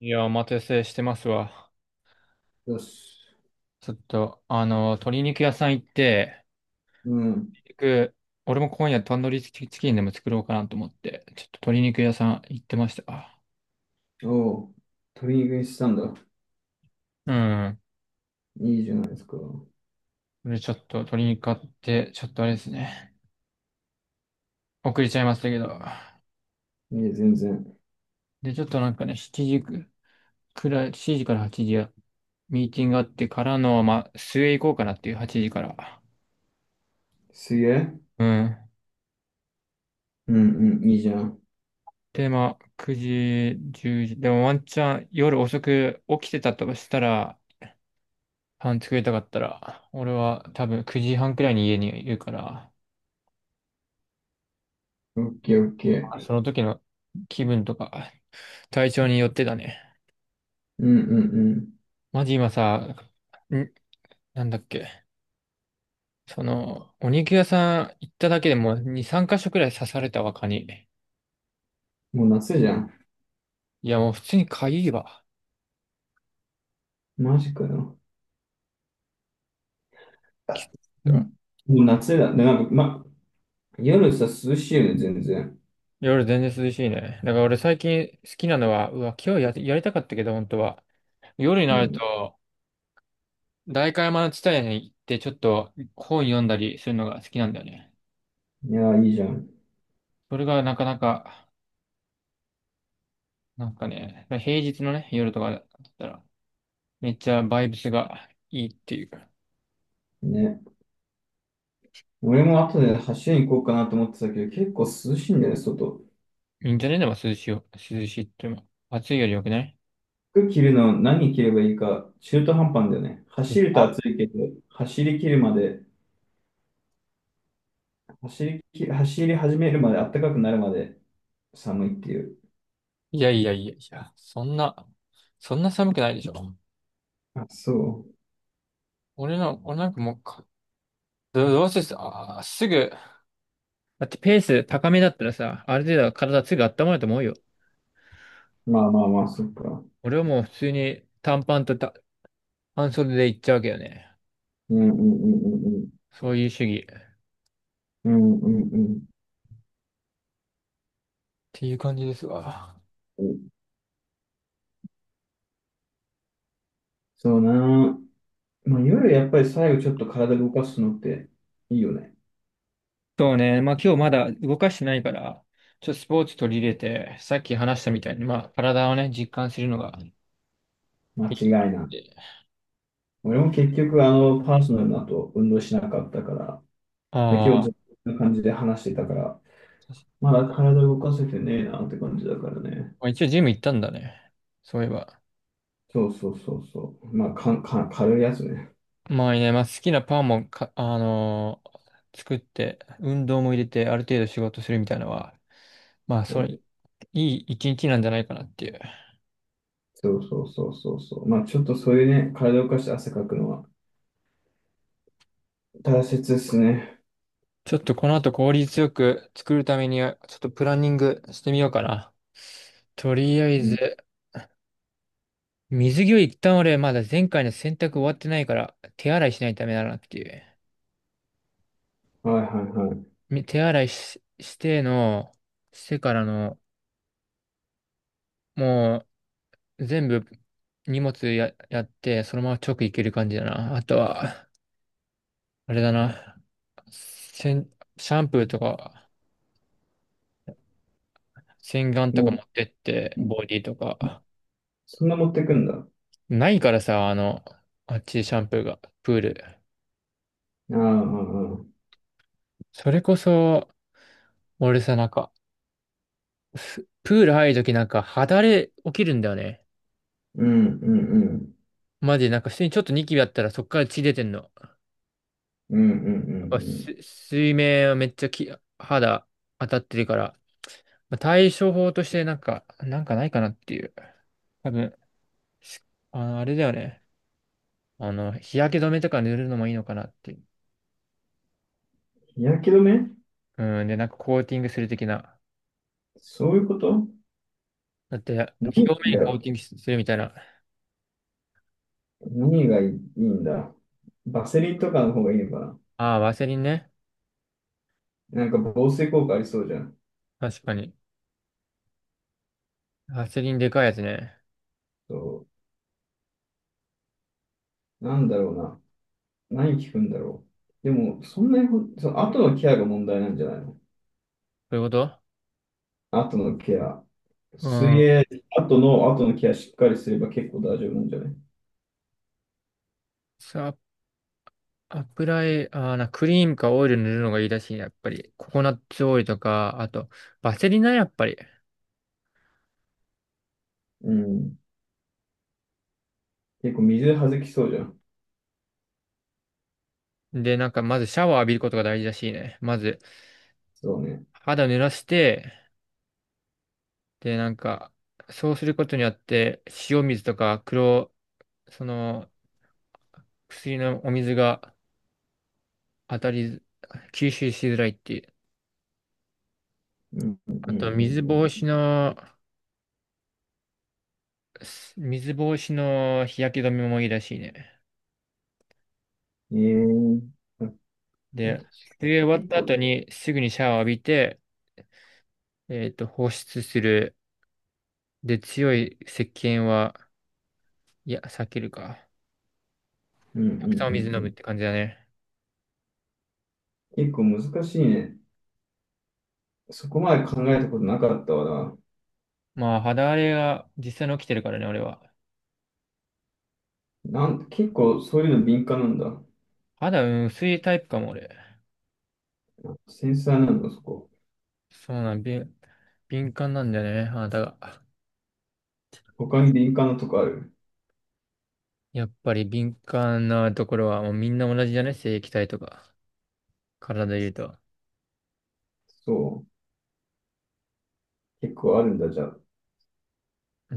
いや、お待たせしてますわ。よし。ちょっと、鶏肉屋さん行って、うん。鶏肉、俺も今夜タンドリーチキンでも作ろうかなと思って、ちょっと鶏肉屋さん行ってました。おう。鶏肉にしたんだ。うん。いいじゃないですか。これちょっと鶏肉買って、ちょっとあれですね。遅れちゃいましたけど。いい全然。で、ちょっとなんかね、7時くらい、7時から8時や、ミーティングがあってからの、まあ、末行こうかなっていう8時から。すげえ。うん。うんうん、いいじゃん。で、まあ、9時、10時。でもワンチャン夜遅く起きてたとしたら、パン作りたかったら、俺は多分9時半くらいに家にいるから、オッケーオッケー。その時の気分とか、体調によってだね。うんうんマジ今さ、ん、なんだっけ。お肉屋さん行っただけでもう2、3箇所くらい刺されたわ、蚊に。うん。もう夏じゃん。いや、もう普通にかゆいわ。マジかよ。きっあ、うと。ん、もう夏だ。で、なんか、ま、夜さ、涼しいよね、全然。夜全然涼しいね。だから俺最近好きなのは、うわ、今日やりたかったけど、本当は。夜にうなるん。と、代官山の地帯に行ってちょっと本読んだりするのが好きなんだよね。いや、いいじゃん。それがなかなか、なんかね、平日のね、夜とかだったら、めっちゃバイブスがいいっていうか、ね。俺も後で走りに行こうかなと思ってたけど、結構涼しいんだよね、外。いいんじゃね？でも涼しいよ。涼しいっていうのも、暑いより良くない？服着るの何着ればいいか、中途半端なんだよね。走るとあ、暑いけど、走り切るまで走り始めるまで、暖かくなるまで寒いっていう。いやいやいやいや、そんな寒くないでしょ。あ、そ俺なんかもうか、ど、どうせす、あー、すぐ、だってペース高めだったらさ、ある程度は体すぐ温まると思うよ。う。まあまあまあ、そっか。俺はもう普通に短パンと半袖で行っちゃうわけよね。うんうんうんうんうん。そういう主義っうんうんていう感じですわ。うん。そうな。まあ、夜やっぱり最後ちょっと体動かすのっていいよね。そうね。まあ今日まだ動かしてないから、ちょっとスポーツ取り入れて、さっき話したみたいに、まあ体をね、実感するのが間い違いいかななっい。て。俺も結局、パーソナルの後、運動しなかったから、で、今あ日ずっあ、とこんな感じで話してたから、まだ体動かせてねえなって感じだからね。まあ、一応ジム行ったんだね、そういえば。そうそうそうそう。まあ、かん、かん、軽いやつね。まあね、まあ好きなパンもか、あのー作って、運動も入れて、ある程度仕事するみたいなのは、まあそそうれ、ね。いい一日なんじゃないかなっていう。そうそうそうそうそう。まあちょっとそういうね、体を動かして汗かくのは大切ですね。ちょっとこの後効率よく作るためには、ちょっとプランニングしてみようかな。とりあえうん。ず、水着を一旦俺まだ前回の洗濯終わってないから手洗いしないとダメだなっていう。はいはいは手洗いし、しての、してからの、もう全部荷物や、やって、そのまま直行ける感じだな。あとは、あれだな。せんシャンプーとか洗顔い。ともか持う、ってって、ボディとか。そんな持ってくんだ。あないからさ、あっちシャンプーが、プール。あ、ああ、ああ、それこそ、俺さ、なんか、プール入るときなんか肌荒れ起きるんだよね。うんうんうん。マジでなんか普通にちょっとニキビあったらそっから血出てんの。やっうんうんうぱんうん。水面はめっちゃ肌当たってるから、まあ、対処法としてなんか、ないかなっていう。多分、あれだよね。日焼け止めとか塗るのもいいのかなっていう。日焼け止め。うん、で、なんかコーティングする的な。そういうこと。だって、何がい表いん面だコーろテう。ィングするみたいな。何がいいんだ。バセリンとかの方がいいのかああ、ワセリンね。な。なんか防水効果ありそうじゃん。確かに。ワセリンでかいやつね。そう。なんだろうな。何効くんだろう。でも、そんなにその後のケアが問題なんじゃないの？そういうこと。後のケア。う水ん。泳、後のケアしっかりすれば結構大丈夫なんじゃない？さ油絵、あーな、クリームかオイル塗るのがいいらしいね、やっぱり。ココナッツオイルとか、あと、バセリナ、やっぱり。うん。結構水はずきそうじゃん。で、なんか、まずシャワー浴びることが大事らしいね。まず、そうね。肌濡らして、で、なんか、そうすることによって、塩水とかその、薬のお水が当たり、吸収しづらいっていう。うん、うん、うあと、ん、水防止の日焼け止めもいいらしいね。うん。ええー。確で、か水泳に終わっ結た構、後に、すぐにシャワー浴びて、放出する。で、強い石鹸は、いや、避けるか。うん、うん、うん。たくさんおう水飲むん、って感じだね。結構難しいね。そこまで考えたことなかったわまあ、肌荒れが実際に起きてるからね、俺は。な。結構そういうの敏感なんだ。肌、うん、薄いタイプかも、俺。繊細なんだ、そこ。そうなん、敏感なんだよね、肌が。他に敏感なとこある？やっぱり敏感なところは、もうみんな同じじゃね？正液体とか、体で言うと。そう。結構あるんだ、じゃあ。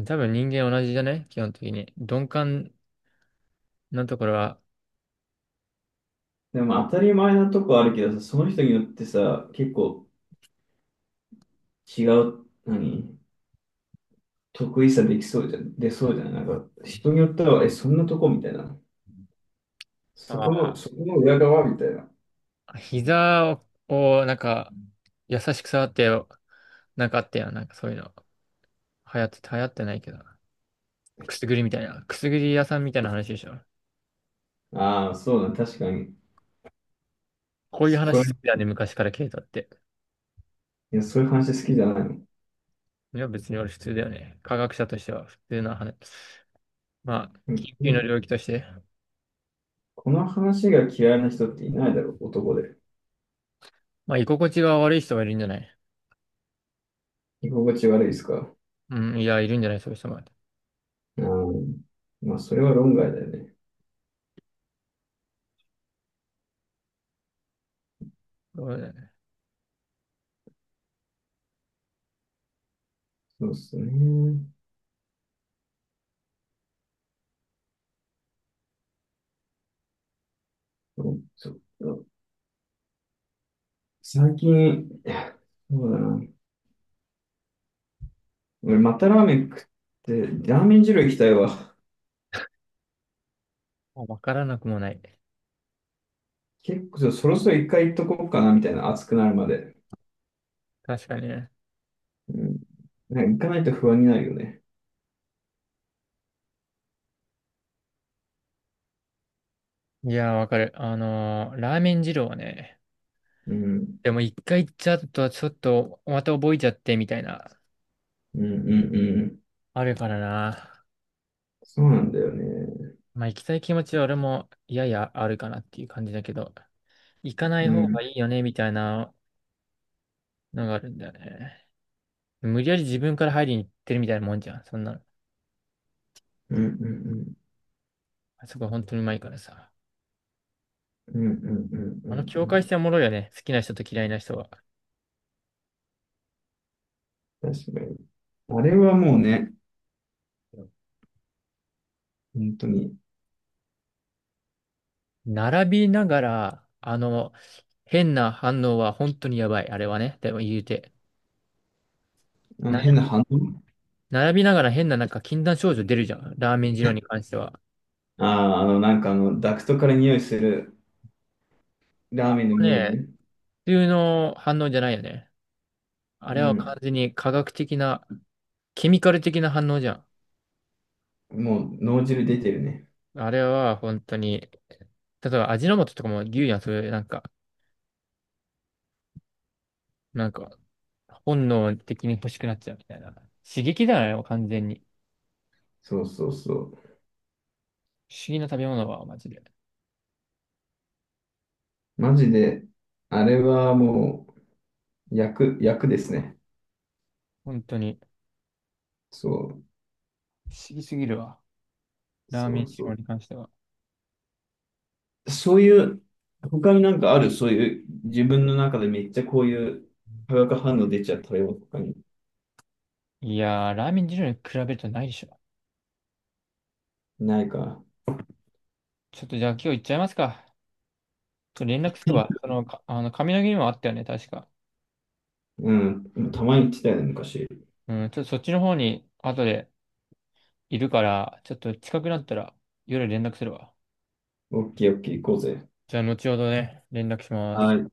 多分人間同じじゃね？基本的に。鈍感なところは、でも当たり前なとこあるけどさ、その人によってさ、結構違う、何得意さできそうじゃ出そうじゃないなんか、人によっては、え、そんなとこみたいな。そこあの、そこの裏側みたいな。膝をなんか、優しく触ってよ、なんかあったやん。なんかそういうの。流行って、流行ってないけど。くすぐりみたいな。くすぐり屋さんみたいな話でしょ。ああ、そうだ、確かに。こういうそこら、話い好きだね、昔からケイトって。や、そういう話好きじゃないの。いや、別に俺普通だよね。科学者としては普通な話。まあ、う緊急のん、領域として。この話が嫌いな人っていないだろう、男で。まあ、居心地が悪い人はいるんじゃない？居心地悪いですか？うん、いや、いるんじゃない、そういう人も。うん、まあ、それは論外だよね。そうだよね。そうですね。そうそうそう。最近、そうだな。俺、またラーメン食って、ラーメン二郎行きたいわ。まあわからなくもない。結構そろそろ一回行っとこうかなみたいな、暑くなるまで。確かにね。うん。なんか行かないと不安になるよね。いや、わかる。ラーメン二郎はね、うん。でも一回行っちゃうと、ちょっと、また覚えちゃってみたいな、うんうんうん。あるからな。そうなんだよね。まあ行きたい気持ちは俺もややあるかなっていう感じだけど、行かないう方がん。いいよね、みたいなのがあるんだよね。無理やり自分から入りに行ってるみたいなもんじゃん、そんなの。うんうんうん。あそこ本当にうまいからさ。うんうんうんうあんの境う界ん。線おもろいよね、好きな人と嫌いな人は。確かに。あれはもうね、本当に、並びながら、変な反応は本当にやばい、あれはね。でも言うて。あのな、変な反応。並びながら変ななんか禁断症状出るじゃん、ラーメン二郎に関しては。ああ、なんかダクトから匂いするラーあれメンの匂いはね、ね。普通の反応じゃないよね。あうれは完ん。全に科学的な、ケミカル的な反応じゃん。もう脳汁出てるね。あれは本当に、例えば味の素とかも言うやん、それなんか、なんか、本能的に欲しくなっちゃうみたいな。刺激だよね、完全に。そうそうそう。不思議な食べ物は、マジで。マジで、あれはもう、薬薬ですね。本当に、そう。不思議すぎるわ、ラーメそンう二そ郎う。に関しては。そういう、他になんかある、そういう、自分の中でめっちゃこういう化学反応出ちゃったよとかに。いやー、ラーメン二郎に比べるとないでしょ。ないか。ちょっとじゃあ今日行っちゃいますか。ちょっと連絡すれば、その、かあの、髪の毛にもあったよね、確か。うん。たまに言ってたよね、昔。うん、ちょっとそっちの方に、後で、いるから、ちょっと近くなったら夜連絡するわ。オッケーオッケー行こうぜ。じゃあ、後ほどね、連絡しまはす。い。